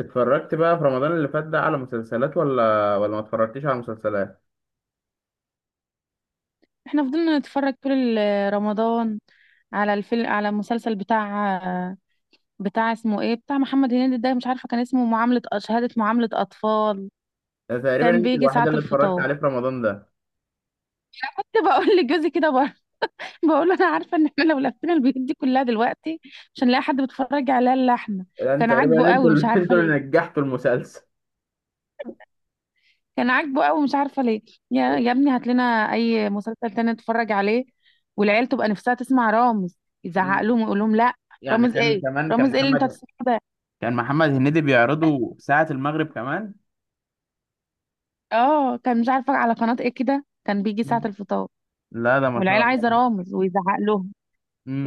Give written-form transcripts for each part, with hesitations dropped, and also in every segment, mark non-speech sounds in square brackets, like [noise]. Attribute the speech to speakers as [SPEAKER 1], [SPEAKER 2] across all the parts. [SPEAKER 1] اتفرجت بقى في رمضان اللي فات ده على مسلسلات ولا ما اتفرجتش على مسلسلات؟
[SPEAKER 2] احنا فضلنا نتفرج طول رمضان على الفيلم على المسلسل بتاع اسمه ايه بتاع محمد هنيدي ده مش عارفه كان اسمه معامله شهاده معامله اطفال.
[SPEAKER 1] ده تقريبا
[SPEAKER 2] كان
[SPEAKER 1] انت
[SPEAKER 2] بيجي
[SPEAKER 1] الوحيده
[SPEAKER 2] ساعه
[SPEAKER 1] اللي اتفرجت
[SPEAKER 2] الفطار.
[SPEAKER 1] عليه في رمضان ده.
[SPEAKER 2] كنت بقول [laughs] لجوزي كده بقول [laughs] بقول له انا عارفه ان احنا لو لفينا البيوت دي كلها دلوقتي مش هنلاقي حد بيتفرج عليها الا احنا.
[SPEAKER 1] انت
[SPEAKER 2] كان عاجبه
[SPEAKER 1] تقريبا انتوا
[SPEAKER 2] قوي مش
[SPEAKER 1] اللي [laughs]
[SPEAKER 2] عارفه
[SPEAKER 1] انتوا
[SPEAKER 2] ليه.
[SPEAKER 1] اللي نجحتوا المسلسل.
[SPEAKER 2] كان عاجبه قوي مش عارفه ليه. يا ابني هات لنا اي مسلسل تاني نتفرج عليه، والعيال تبقى نفسها تسمع رامز. يزعق
[SPEAKER 1] [laughs]
[SPEAKER 2] لهم ويقول لهم لا.
[SPEAKER 1] يعني
[SPEAKER 2] رامز
[SPEAKER 1] كان
[SPEAKER 2] ايه؟
[SPEAKER 1] كمان كان
[SPEAKER 2] رامز ايه اللي انت
[SPEAKER 1] محمد
[SPEAKER 2] هتسمعه ده؟
[SPEAKER 1] كان محمد هنيدي بيعرضه ساعة المغرب كمان.
[SPEAKER 2] اه، كان مش عارفه على قناه ايه كده، كان بيجي ساعه
[SPEAKER 1] مم.
[SPEAKER 2] الفطار.
[SPEAKER 1] لا ده ما شاء
[SPEAKER 2] والعيال عايزه
[SPEAKER 1] الله.
[SPEAKER 2] رامز ويزعق لهم،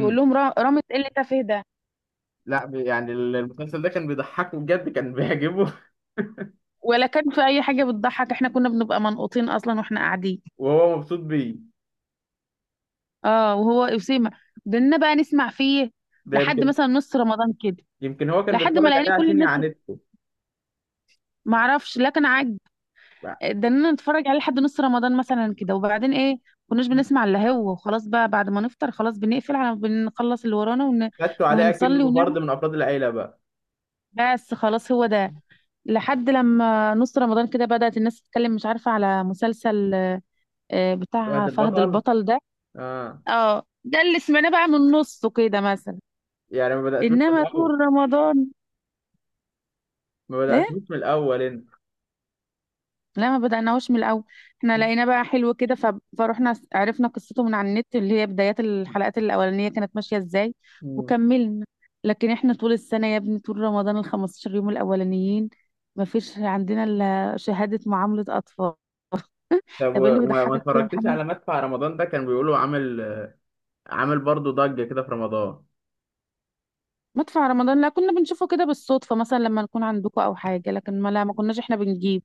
[SPEAKER 2] يقول لهم رامز ايه اللي انت فيه ده؟
[SPEAKER 1] لا المسلسل ده كان بيضحكه بجد، كان بيعجبه.
[SPEAKER 2] ولا كان في اي حاجه بتضحك، احنا كنا بنبقى منقوطين اصلا واحنا قاعدين.
[SPEAKER 1] [laughs] وهو مبسوط بيه.
[SPEAKER 2] اه وهو اسامه بدنا بقى نسمع فيه
[SPEAKER 1] ده
[SPEAKER 2] لحد
[SPEAKER 1] يمكن،
[SPEAKER 2] مثلا نص رمضان كده،
[SPEAKER 1] يمكن هو كان
[SPEAKER 2] لحد ما
[SPEAKER 1] بيتفرج
[SPEAKER 2] لقينا
[SPEAKER 1] عليه
[SPEAKER 2] كل
[SPEAKER 1] عشان
[SPEAKER 2] الناس
[SPEAKER 1] يعاندته.
[SPEAKER 2] معرفش، لا كان عاجب.
[SPEAKER 1] بقى.
[SPEAKER 2] ده انا نتفرج عليه لحد نص رمضان مثلا كده، وبعدين ايه كناش بنسمع الا هو، وخلاص بقى بعد ما نفطر خلاص بنقفل على بنخلص اللي ورانا ون...
[SPEAKER 1] خدته عليه
[SPEAKER 2] ونصلي
[SPEAKER 1] كأنه
[SPEAKER 2] ونعمل.
[SPEAKER 1] فرد من أفراد العيلة بقى.
[SPEAKER 2] بس خلاص هو ده لحد لما نص رمضان كده بدأت الناس تتكلم، مش عارفة على مسلسل آه، آه،
[SPEAKER 1] فهد
[SPEAKER 2] بتاع فهد
[SPEAKER 1] البطل.
[SPEAKER 2] البطل ده.
[SPEAKER 1] اه.
[SPEAKER 2] اه ده اللي سمعناه بقى من نصه كده مثلا.
[SPEAKER 1] يعني ما بدأتوش من
[SPEAKER 2] انما
[SPEAKER 1] الأول،
[SPEAKER 2] طول رمضان.
[SPEAKER 1] ما
[SPEAKER 2] ايه؟
[SPEAKER 1] بدأتوش من الأول أنت.
[SPEAKER 2] لا ما بدأناهوش من الأول. احنا لقينا بقى حلو كده فروحنا عرفنا قصته من على النت، اللي هي بدايات الحلقات الأولانية كانت ماشية ازاي،
[SPEAKER 1] مم.
[SPEAKER 2] وكملنا. لكن احنا طول السنة يا ابني، طول رمضان ال 15 يوم الأولانيين ما فيش عندنا إلا شهادة معاملة أطفال. [laughs]
[SPEAKER 1] طب
[SPEAKER 2] طب ايه
[SPEAKER 1] و-
[SPEAKER 2] اللي
[SPEAKER 1] وما ما
[SPEAKER 2] بيضحكك فيها يا
[SPEAKER 1] اتفرجتش
[SPEAKER 2] محمد؟
[SPEAKER 1] على مدفع رمضان ده؟ كان بيقولوا عامل برضه ضجة كده في رمضان.
[SPEAKER 2] مدفع رمضان لا، كنا بنشوفه كده بالصدفة مثلا لما نكون عندكم أو حاجة، لكن ما لا ما كناش احنا بنجيب.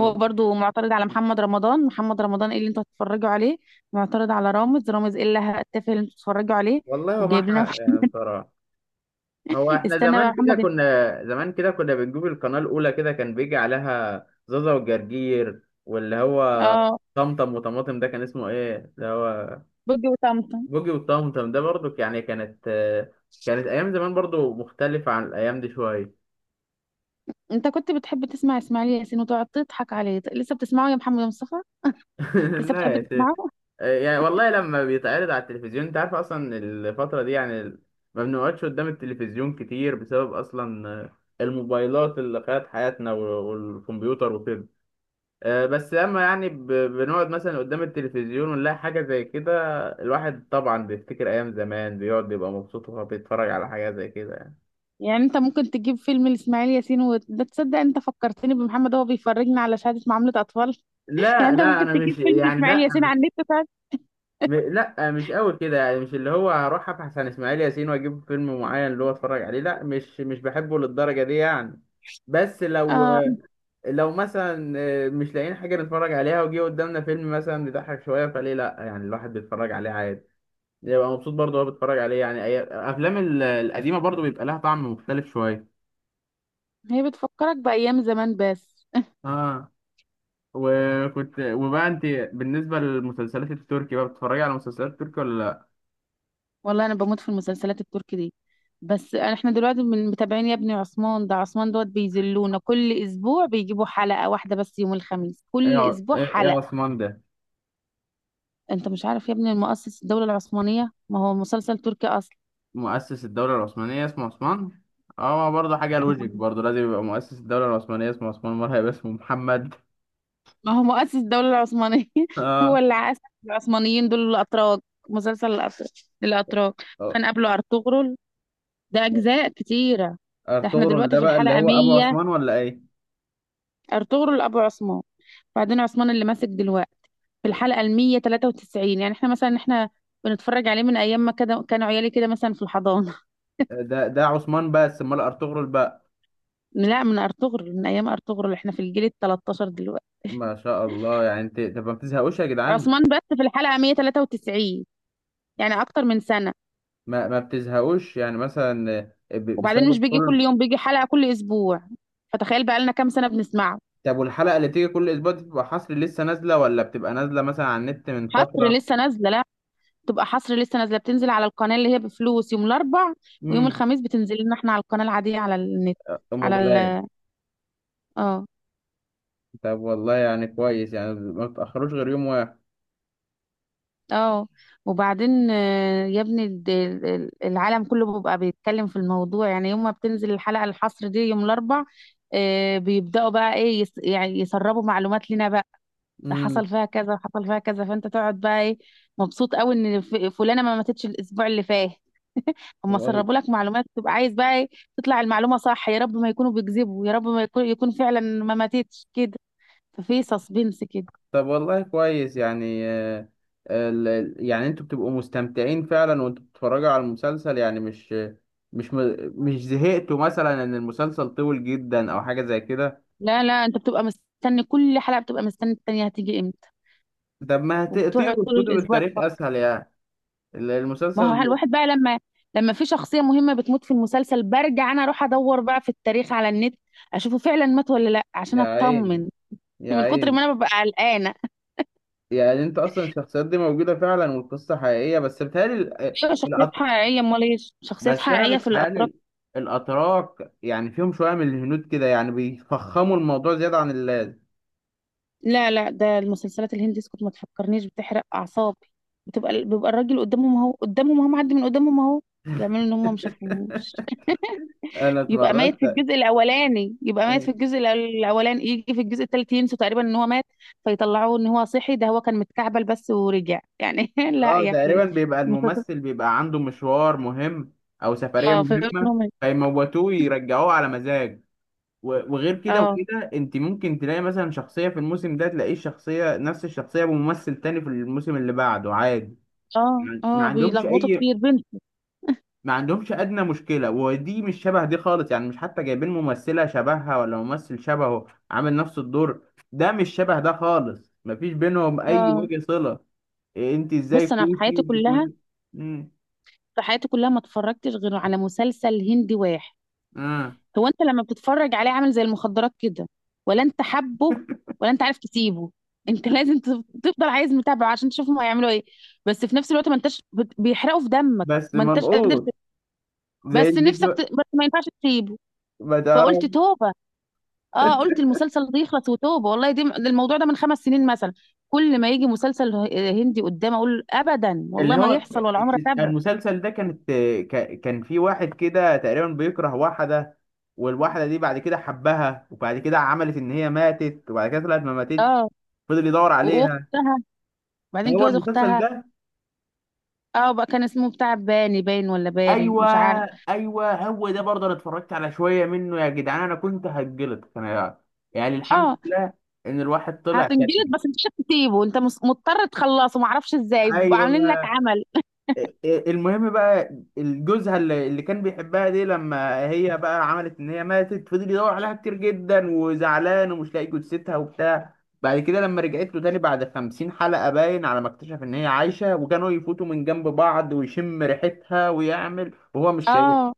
[SPEAKER 2] هو برضو معترض على محمد رمضان. محمد رمضان ايه اللي انتوا هتتفرجوا عليه؟ معترض على رامز. رامز ايه اللي هتتفق اللي انتوا هتتفرجوا عليه؟
[SPEAKER 1] والله ما
[SPEAKER 2] وجايب
[SPEAKER 1] حق
[SPEAKER 2] لنا
[SPEAKER 1] يعني بصراحة. هو
[SPEAKER 2] [laughs]
[SPEAKER 1] احنا
[SPEAKER 2] استنى بقى
[SPEAKER 1] زمان كده
[SPEAKER 2] محمد.
[SPEAKER 1] كنا، زمان كده كنا بنجيب القناة الأولى، كده كان بيجي عليها زازا والجرجير، واللي هو
[SPEAKER 2] اه،
[SPEAKER 1] طمطم وطماطم، ده كان اسمه ايه اللي هو؟
[SPEAKER 2] بوجي وطمطم.
[SPEAKER 1] بوجي وطمطم ده برضو يعني كانت، كانت أيام زمان برضو مختلفة عن الأيام دي شوية.
[SPEAKER 2] انت كنت بتحب تسمع اسماعيل ياسين وتقعد تضحك عليه، لسه بتسمعه يا محمد مصطفى؟
[SPEAKER 1] [laughs]
[SPEAKER 2] لسه
[SPEAKER 1] لا
[SPEAKER 2] بتحب
[SPEAKER 1] يا شيخ.
[SPEAKER 2] تسمعه؟
[SPEAKER 1] يعني والله لما بيتعرض على التلفزيون انت عارف اصلا الفترة دي يعني ما بنقعدش قدام التلفزيون كتير بسبب اصلا الموبايلات اللي خدت حياتنا والكمبيوتر وكده. بس لما يعني بنقعد مثلا قدام التلفزيون ونلاقي حاجة زي كده، الواحد طبعا بيفتكر ايام زمان، بيقعد بيبقى مبسوط وهو بيتفرج على حاجة زي كده يعني.
[SPEAKER 2] يعني انت ممكن تجيب فيلم لاسماعيل ياسين، وده تصدق انت فكرتني بمحمد، هو بيفرجنا على شهادة معاملة اطفال. [laughs] يعني
[SPEAKER 1] لا
[SPEAKER 2] انت
[SPEAKER 1] لا
[SPEAKER 2] ممكن
[SPEAKER 1] انا مش
[SPEAKER 2] تجيب فيلم
[SPEAKER 1] يعني
[SPEAKER 2] لاسماعيل
[SPEAKER 1] لا.
[SPEAKER 2] ياسين على النت وتقعد-
[SPEAKER 1] لا مش قوي كده يعني، مش اللي هو هروح ابحث عن اسماعيل ياسين واجيب فيلم معين اللي هو اتفرج عليه، لا مش بحبه للدرجه دي يعني. بس لو،
[SPEAKER 2] اه،
[SPEAKER 1] لو مثلا، مش لاقيين حاجه نتفرج عليها وجي قدامنا فيلم مثلا بيضحك شويه، فليه لا يعني، الواحد بيتفرج عليه عادي، يبقى مبسوط برضه وهو بيتفرج عليه يعني. الافلام القديمه برضه بيبقى لها طعم مختلف شويه.
[SPEAKER 2] هي بتفكرك بايام زمان بس.
[SPEAKER 1] اه. وكنت وبقى انت، بالنسبه للمسلسلات التركي بقى بتتفرجي على مسلسلات تركي ولا لا؟
[SPEAKER 2] والله انا بموت في المسلسلات التركي دي، بس احنا دلوقتي من متابعين يا ابني عثمان ده. عثمان دوت بيذلونا كل اسبوع بيجيبوا حلقة واحدة بس يوم الخميس،
[SPEAKER 1] ايه
[SPEAKER 2] كل
[SPEAKER 1] ع-
[SPEAKER 2] اسبوع
[SPEAKER 1] ايه إيه يا
[SPEAKER 2] حلقة.
[SPEAKER 1] عثمان ده؟
[SPEAKER 2] انت مش عارف يا ابني المؤسس الدولة العثمانية؟ ما هو مسلسل تركي اصلا.
[SPEAKER 1] مؤسس الدولة العثمانية اسمه عثمان؟ اه برضه حاجة لوجيك، برضه لازم يبقى مؤسس الدولة العثمانية اسمه عثمان، مرة هيبقى اسمه محمد.
[SPEAKER 2] ما هو مؤسس الدولة العثمانية.
[SPEAKER 1] [laughs]
[SPEAKER 2] [laughs] هو
[SPEAKER 1] اه.
[SPEAKER 2] اللي عاش. العثمانيين دول الاتراك، مسلسل الاتراك، الاتراك.
[SPEAKER 1] آه.
[SPEAKER 2] كان قبله ارطغرل، ده اجزاء كتيرة. ده احنا
[SPEAKER 1] ارطغرل
[SPEAKER 2] دلوقتي
[SPEAKER 1] ده
[SPEAKER 2] في
[SPEAKER 1] بقى اللي
[SPEAKER 2] الحلقة
[SPEAKER 1] هو ابو
[SPEAKER 2] 100.
[SPEAKER 1] عثمان ولا ايه؟
[SPEAKER 2] ارطغرل ابو عثمان، بعدين عثمان اللي ماسك دلوقتي في الحلقة المية تلاتة وتسعين. يعني احنا مثلا احنا بنتفرج عليه من ايام ما كده كانوا عيالي كده مثلا في الحضانة.
[SPEAKER 1] ده عثمان بس، امال ارطغرل بقى؟
[SPEAKER 2] [laughs] لا من ارطغرل، من ايام ارطغرل، احنا في الجيل التلتاشر دلوقتي.
[SPEAKER 1] ما شاء الله. يعني انت طب ما بتزهقوش يا جدعان؟
[SPEAKER 2] عثمان بس في الحلقة 193، يعني اكتر من سنة.
[SPEAKER 1] ما بتزهقوش يعني مثلا،
[SPEAKER 2] وبعدين مش
[SPEAKER 1] بسبب
[SPEAKER 2] بيجي
[SPEAKER 1] كل.
[SPEAKER 2] كل يوم، بيجي حلقة كل اسبوع، فتخيل بقى لنا كام سنة بنسمعه.
[SPEAKER 1] طب والحلقة اللي بتيجي كل اسبوع دي بتبقى حصر لسه نازلة، ولا بتبقى نازلة مثلا على النت من
[SPEAKER 2] حصر
[SPEAKER 1] فترة؟
[SPEAKER 2] لسه نازلة، لا تبقى حصر لسه نازلة. بتنزل على القناة اللي هي بفلوس يوم الاربع، ويوم
[SPEAKER 1] امم.
[SPEAKER 2] الخميس بتنزل لنا احنا على القناة العادية على النت، على
[SPEAKER 1] موبايل.
[SPEAKER 2] ال اه.
[SPEAKER 1] طب والله يعني كويس يعني ما بتأخروش غير يوم واحد.
[SPEAKER 2] اه وبعدين آه، يا ابني العالم كله بيبقى بيتكلم في الموضوع، يعني يوم ما بتنزل الحلقة الحصر دي يوم الأربع، آه، بيبدأوا بقى ايه يس يعني يسربوا معلومات لنا بقى، ده
[SPEAKER 1] امم.
[SPEAKER 2] حصل فيها كذا وحصل فيها كذا، فانت تقعد بقى ايه مبسوط قوي ان فلانة ما ماتتش الأسبوع اللي فات. هما
[SPEAKER 1] وال-
[SPEAKER 2] سربوا لك معلومات، تبقى عايز بقى ايه، تطلع المعلومة صح. يا رب ما يكونوا بيكذبوا، يا رب ما يكون يكون فعلا ما ماتتش كده، ففي سسبنس كده.
[SPEAKER 1] طب والله كويس يعني. يعني انتوا بتبقوا مستمتعين فعلا وانتوا بتتفرجوا على المسلسل، يعني مش، مش زهقتوا مثلا ان المسلسل طويل جدا او حاجة زي كده؟
[SPEAKER 2] لا لا انت بتبقى مستني كل حلقة، بتبقى مستني التانية هتيجي امتى،
[SPEAKER 1] طب ما
[SPEAKER 2] وبتقعد
[SPEAKER 1] تقروا
[SPEAKER 2] طول
[SPEAKER 1] كتب
[SPEAKER 2] الاسبوع
[SPEAKER 1] التاريخ
[SPEAKER 2] تفكر.
[SPEAKER 1] اسهل يعني،
[SPEAKER 2] ما هو
[SPEAKER 1] المسلسل.
[SPEAKER 2] الواحد بقى لما لما في شخصيه مهمه بتموت في المسلسل برجع انا اروح ادور بقى في التاريخ على النت، اشوفه فعلا مات ولا لا عشان
[SPEAKER 1] يا عيني،
[SPEAKER 2] اطمن،
[SPEAKER 1] يا
[SPEAKER 2] من كتر
[SPEAKER 1] عيني.
[SPEAKER 2] ما انا ببقى قلقانه.
[SPEAKER 1] يعني انت اصلا الشخصيات دي موجودة فعلا والقصة حقيقية بس بتهيألي؟
[SPEAKER 2] ايوه شخصيات حقيقيه، امال ايه؟ شخصيات
[SPEAKER 1] بس انا
[SPEAKER 2] حقيقيه في الاتراك.
[SPEAKER 1] بتخيل الاتراك يعني فيهم شويه من الهنود كده، يعني بيفخموا الموضوع زياده عن اللازم.
[SPEAKER 2] لا لا، ده المسلسلات الهندي اسكت ما تفكرنيش، بتحرق اعصابي. بتبقى بيبقى الراجل قدامهم اهو، قدامهم اهو، معدي من قدامهم اهو، يعملوا ان هم ما
[SPEAKER 1] [laughs]
[SPEAKER 2] شافوهوش.
[SPEAKER 1] انا
[SPEAKER 2] يبقى ميت في
[SPEAKER 1] اتفرجت.
[SPEAKER 2] الجزء الاولاني، يبقى ميت في الاولاني، يجي في الجزء الثالث ينسوا تقريبا ان هو مات، فيطلعوه ان هو صحي. ده هو كان متكعبل بس ورجع يعني. [laughs] لا
[SPEAKER 1] اه
[SPEAKER 2] يا اخي.
[SPEAKER 1] تقريبا بيبقى
[SPEAKER 2] المسلسل-
[SPEAKER 1] الممثل بيبقى عنده مشوار مهم او سفريه
[SPEAKER 2] اه فهمت إن
[SPEAKER 1] مهمه،
[SPEAKER 2] هو مات.
[SPEAKER 1] فيموتوه يرجعوه على مزاج. و- وغير كده
[SPEAKER 2] اه
[SPEAKER 1] وكده انت ممكن تلاقي مثلا شخصيه في الموسم ده، تلاقيه شخصيه نفس الشخصيه بممثل تاني في الموسم اللي بعده عادي.
[SPEAKER 2] اه
[SPEAKER 1] يعني ما
[SPEAKER 2] اه
[SPEAKER 1] عندهمش
[SPEAKER 2] بيلخبطوا
[SPEAKER 1] اي،
[SPEAKER 2] كتير بنت.
[SPEAKER 1] ما عندهمش ادنى مشكله. ودي مش شبه دي خالص يعني، مش حتى جايبين ممثله شبهها ولا ممثل شبهه عامل نفس الدور. ده مش شبه ده خالص، مفيش بينهم اي
[SPEAKER 2] اه
[SPEAKER 1] وجه صله. إيه انت ازاي
[SPEAKER 2] بص، انا في
[SPEAKER 1] كوشي
[SPEAKER 2] حياتي
[SPEAKER 1] وانت
[SPEAKER 2] كلها،
[SPEAKER 1] كوشي؟ امم.
[SPEAKER 2] في حياتي كلها ما اتفرجتش غير على مسلسل هندي واحد.
[SPEAKER 1] اه
[SPEAKER 2] هو انت لما بتتفرج عليه عامل زي المخدرات كده، ولا انت حبه، ولا انت عارف تسيبه. [laughs] انت لازم تفضل عايز متابعه عشان تشوفهم هيعملوا ايه، بس في نفس الوقت ما انتش بيحرقوا في دمك،
[SPEAKER 1] بس
[SPEAKER 2] ما انتش قادر ت...
[SPEAKER 1] منقوط زي
[SPEAKER 2] بس نفسك
[SPEAKER 1] الفيديو،
[SPEAKER 2] ت... بس ما ينفعش تسيبه.
[SPEAKER 1] ما تعرف.
[SPEAKER 2] فقلت توبه. اه قلت المسلسل ده يخلص وتوبه، والله دي ده الموضوع ده من 5 سنين مثلا. كل ما يجي مسلسل هندي قدام اقول ابدا والله
[SPEAKER 1] اللي
[SPEAKER 2] ما
[SPEAKER 1] هو
[SPEAKER 2] يحصل ولا عمره تابعه.
[SPEAKER 1] المسلسل ده كانت، كان في واحد كده تقريبا بيكره واحده، والواحده دي بعد كده حبها، وبعد كده عملت ان هي ماتت، وبعد كده طلعت ما ماتتش،
[SPEAKER 2] اه
[SPEAKER 1] فضل يدور عليها.
[SPEAKER 2] واختها، بعدين
[SPEAKER 1] هو
[SPEAKER 2] جوز
[SPEAKER 1] المسلسل
[SPEAKER 2] اختها.
[SPEAKER 1] ده.
[SPEAKER 2] اه بقى كان اسمه بتاع باني باين ولا باري
[SPEAKER 1] ايوه،
[SPEAKER 2] مش عارف.
[SPEAKER 1] ايوه هو ده برضه انا اتفرجت على شويه منه يا جدعان، انا كنت هتجلط انا. يعني الحمد
[SPEAKER 2] اه
[SPEAKER 1] لله ان الواحد طلع
[SPEAKER 2] هتنجلد،
[SPEAKER 1] سليم.
[SPEAKER 2] بس انت مش هتسيبه انت مضطر تخلصه، معرفش ازاي بيبقوا
[SPEAKER 1] ايوه.
[SPEAKER 2] عاملين لك عمل.
[SPEAKER 1] إيه، المهم بقى، الجوزها اللي كان بيحبها دي، لما هي بقى عملت ان هي ماتت فضل يدور عليها كتير جدا وزعلان ومش لاقي جثتها وبتاع. بعد كده لما رجعت له تاني بعد خمسين حلقة، باين على ما اكتشف ان هي عايشة، وكانوا يفوتوا من جنب بعض ويشم ريحتها ويعمل وهو مش
[SPEAKER 2] اه
[SPEAKER 1] شايف.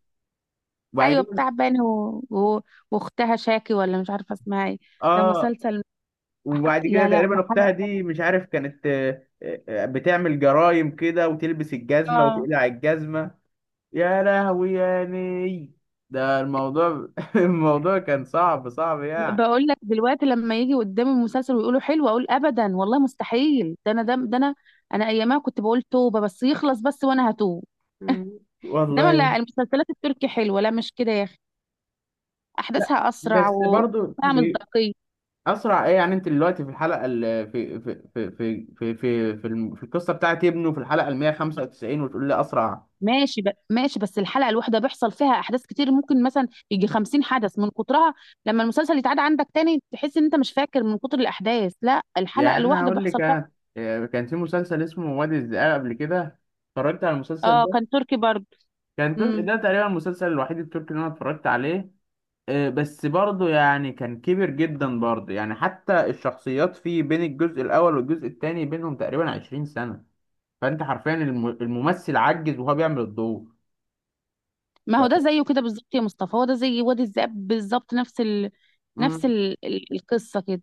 [SPEAKER 2] ايوه بتاع باني و... و... واختها شاكي ولا مش عارفه اسمها ايه. ده
[SPEAKER 1] اه.
[SPEAKER 2] مسلسل
[SPEAKER 1] وبعد كده
[SPEAKER 2] يا لهوي
[SPEAKER 1] تقريبا
[SPEAKER 2] حرق.
[SPEAKER 1] اختها دي، مش عارف كانت، بتعمل جرايم كده وتلبس الجزمه
[SPEAKER 2] اه
[SPEAKER 1] وتقلع الجزمه. يا لهوي يا ني. ده الموضوع، [laughs] الموضوع كان صعب يعني.
[SPEAKER 2] بقول لك دلوقتي لما يجي قدامي المسلسل ويقولوا حلو اقول ابدا والله مستحيل، ده انا ده انا، انا ايامها كنت بقول توبه بس يخلص بس وانا هتوب.
[SPEAKER 1] مم.
[SPEAKER 2] انما
[SPEAKER 1] والله.
[SPEAKER 2] لا، المسلسلات التركي حلوه، لا مش كده يا اخي،
[SPEAKER 1] لا
[SPEAKER 2] احداثها اسرع
[SPEAKER 1] بس برضو
[SPEAKER 2] وفيها مصداقيه.
[SPEAKER 1] اسرع ايه يعني، انت دلوقتي في الحلقه في في القصه بتاعت ابنه في الحلقه ال 195 وتقول لي اسرع؟
[SPEAKER 2] ماشي ب... ماشي بس الحلقة الواحدة بيحصل فيها أحداث كتير، ممكن مثلا يجي 50 حدث من كترها، لما المسلسل يتعاد عندك تاني تحس إن أنت مش فاكر من كتر الأحداث. لا الحلقة
[SPEAKER 1] يعني انا
[SPEAKER 2] الواحدة
[SPEAKER 1] هقول لك
[SPEAKER 2] بيحصل فيها
[SPEAKER 1] أنا. كان في مسلسل اسمه وادي الذئاب قبل كده، اتفرجت على المسلسل
[SPEAKER 2] آه،
[SPEAKER 1] ده؟
[SPEAKER 2] كان تركي برضه.
[SPEAKER 1] كان
[SPEAKER 2] مم.
[SPEAKER 1] ده تقريبا المسلسل الوحيد التركي اللي انا اتفرجت عليه. بس برضه يعني كان كبير جدا برضه، يعني حتى الشخصيات فيه بين الجزء الاول والجزء الثاني بينهم تقريبا 20 سنة، فانت حرفيا الممثل عجز وهو بيعمل الدور.
[SPEAKER 2] ما هو
[SPEAKER 1] ف...
[SPEAKER 2] ده زيه كده بالظبط يا مصطفى، هو ده زي وادي الذئاب بالظبط، نفس ال... نفس
[SPEAKER 1] مم.
[SPEAKER 2] ال... القصة كده.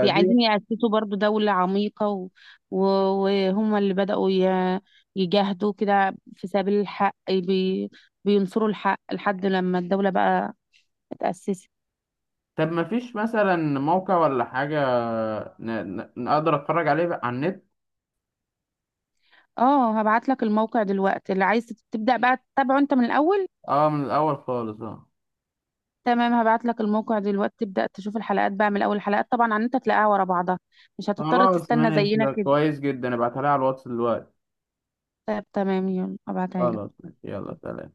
[SPEAKER 2] عايزين يأسسوا برضه دولة عميقة و... و... وهم اللي بدأوا ي... يجاهدوا كده في سبيل الحق بينصروا الحق لحد لما الدولة بقى اتأسست.
[SPEAKER 1] طب ما فيش مثلا موقع ولا حاجة نقدر اتفرج عليه بقى على النت؟
[SPEAKER 2] اه هبعت لك الموقع دلوقتي، اللي عايز تبدأ بقى تتابعه انت من الأول.
[SPEAKER 1] اه من الاول خالص، اه.
[SPEAKER 2] تمام هبعت لك الموقع دلوقتي، تبدأ تشوف الحلقات بقى من الأول، الحلقات طبعا عن انت تلاقيها ورا بعضها، مش هتضطر
[SPEAKER 1] خلاص
[SPEAKER 2] تستنى
[SPEAKER 1] ماشي،
[SPEAKER 2] زينا
[SPEAKER 1] ده
[SPEAKER 2] كده.
[SPEAKER 1] كويس جدا، ابعتها لي على الواتس دلوقتي.
[SPEAKER 2] طب تمام يلا هبعتها لك.
[SPEAKER 1] خلاص ماشي، يلا سلام.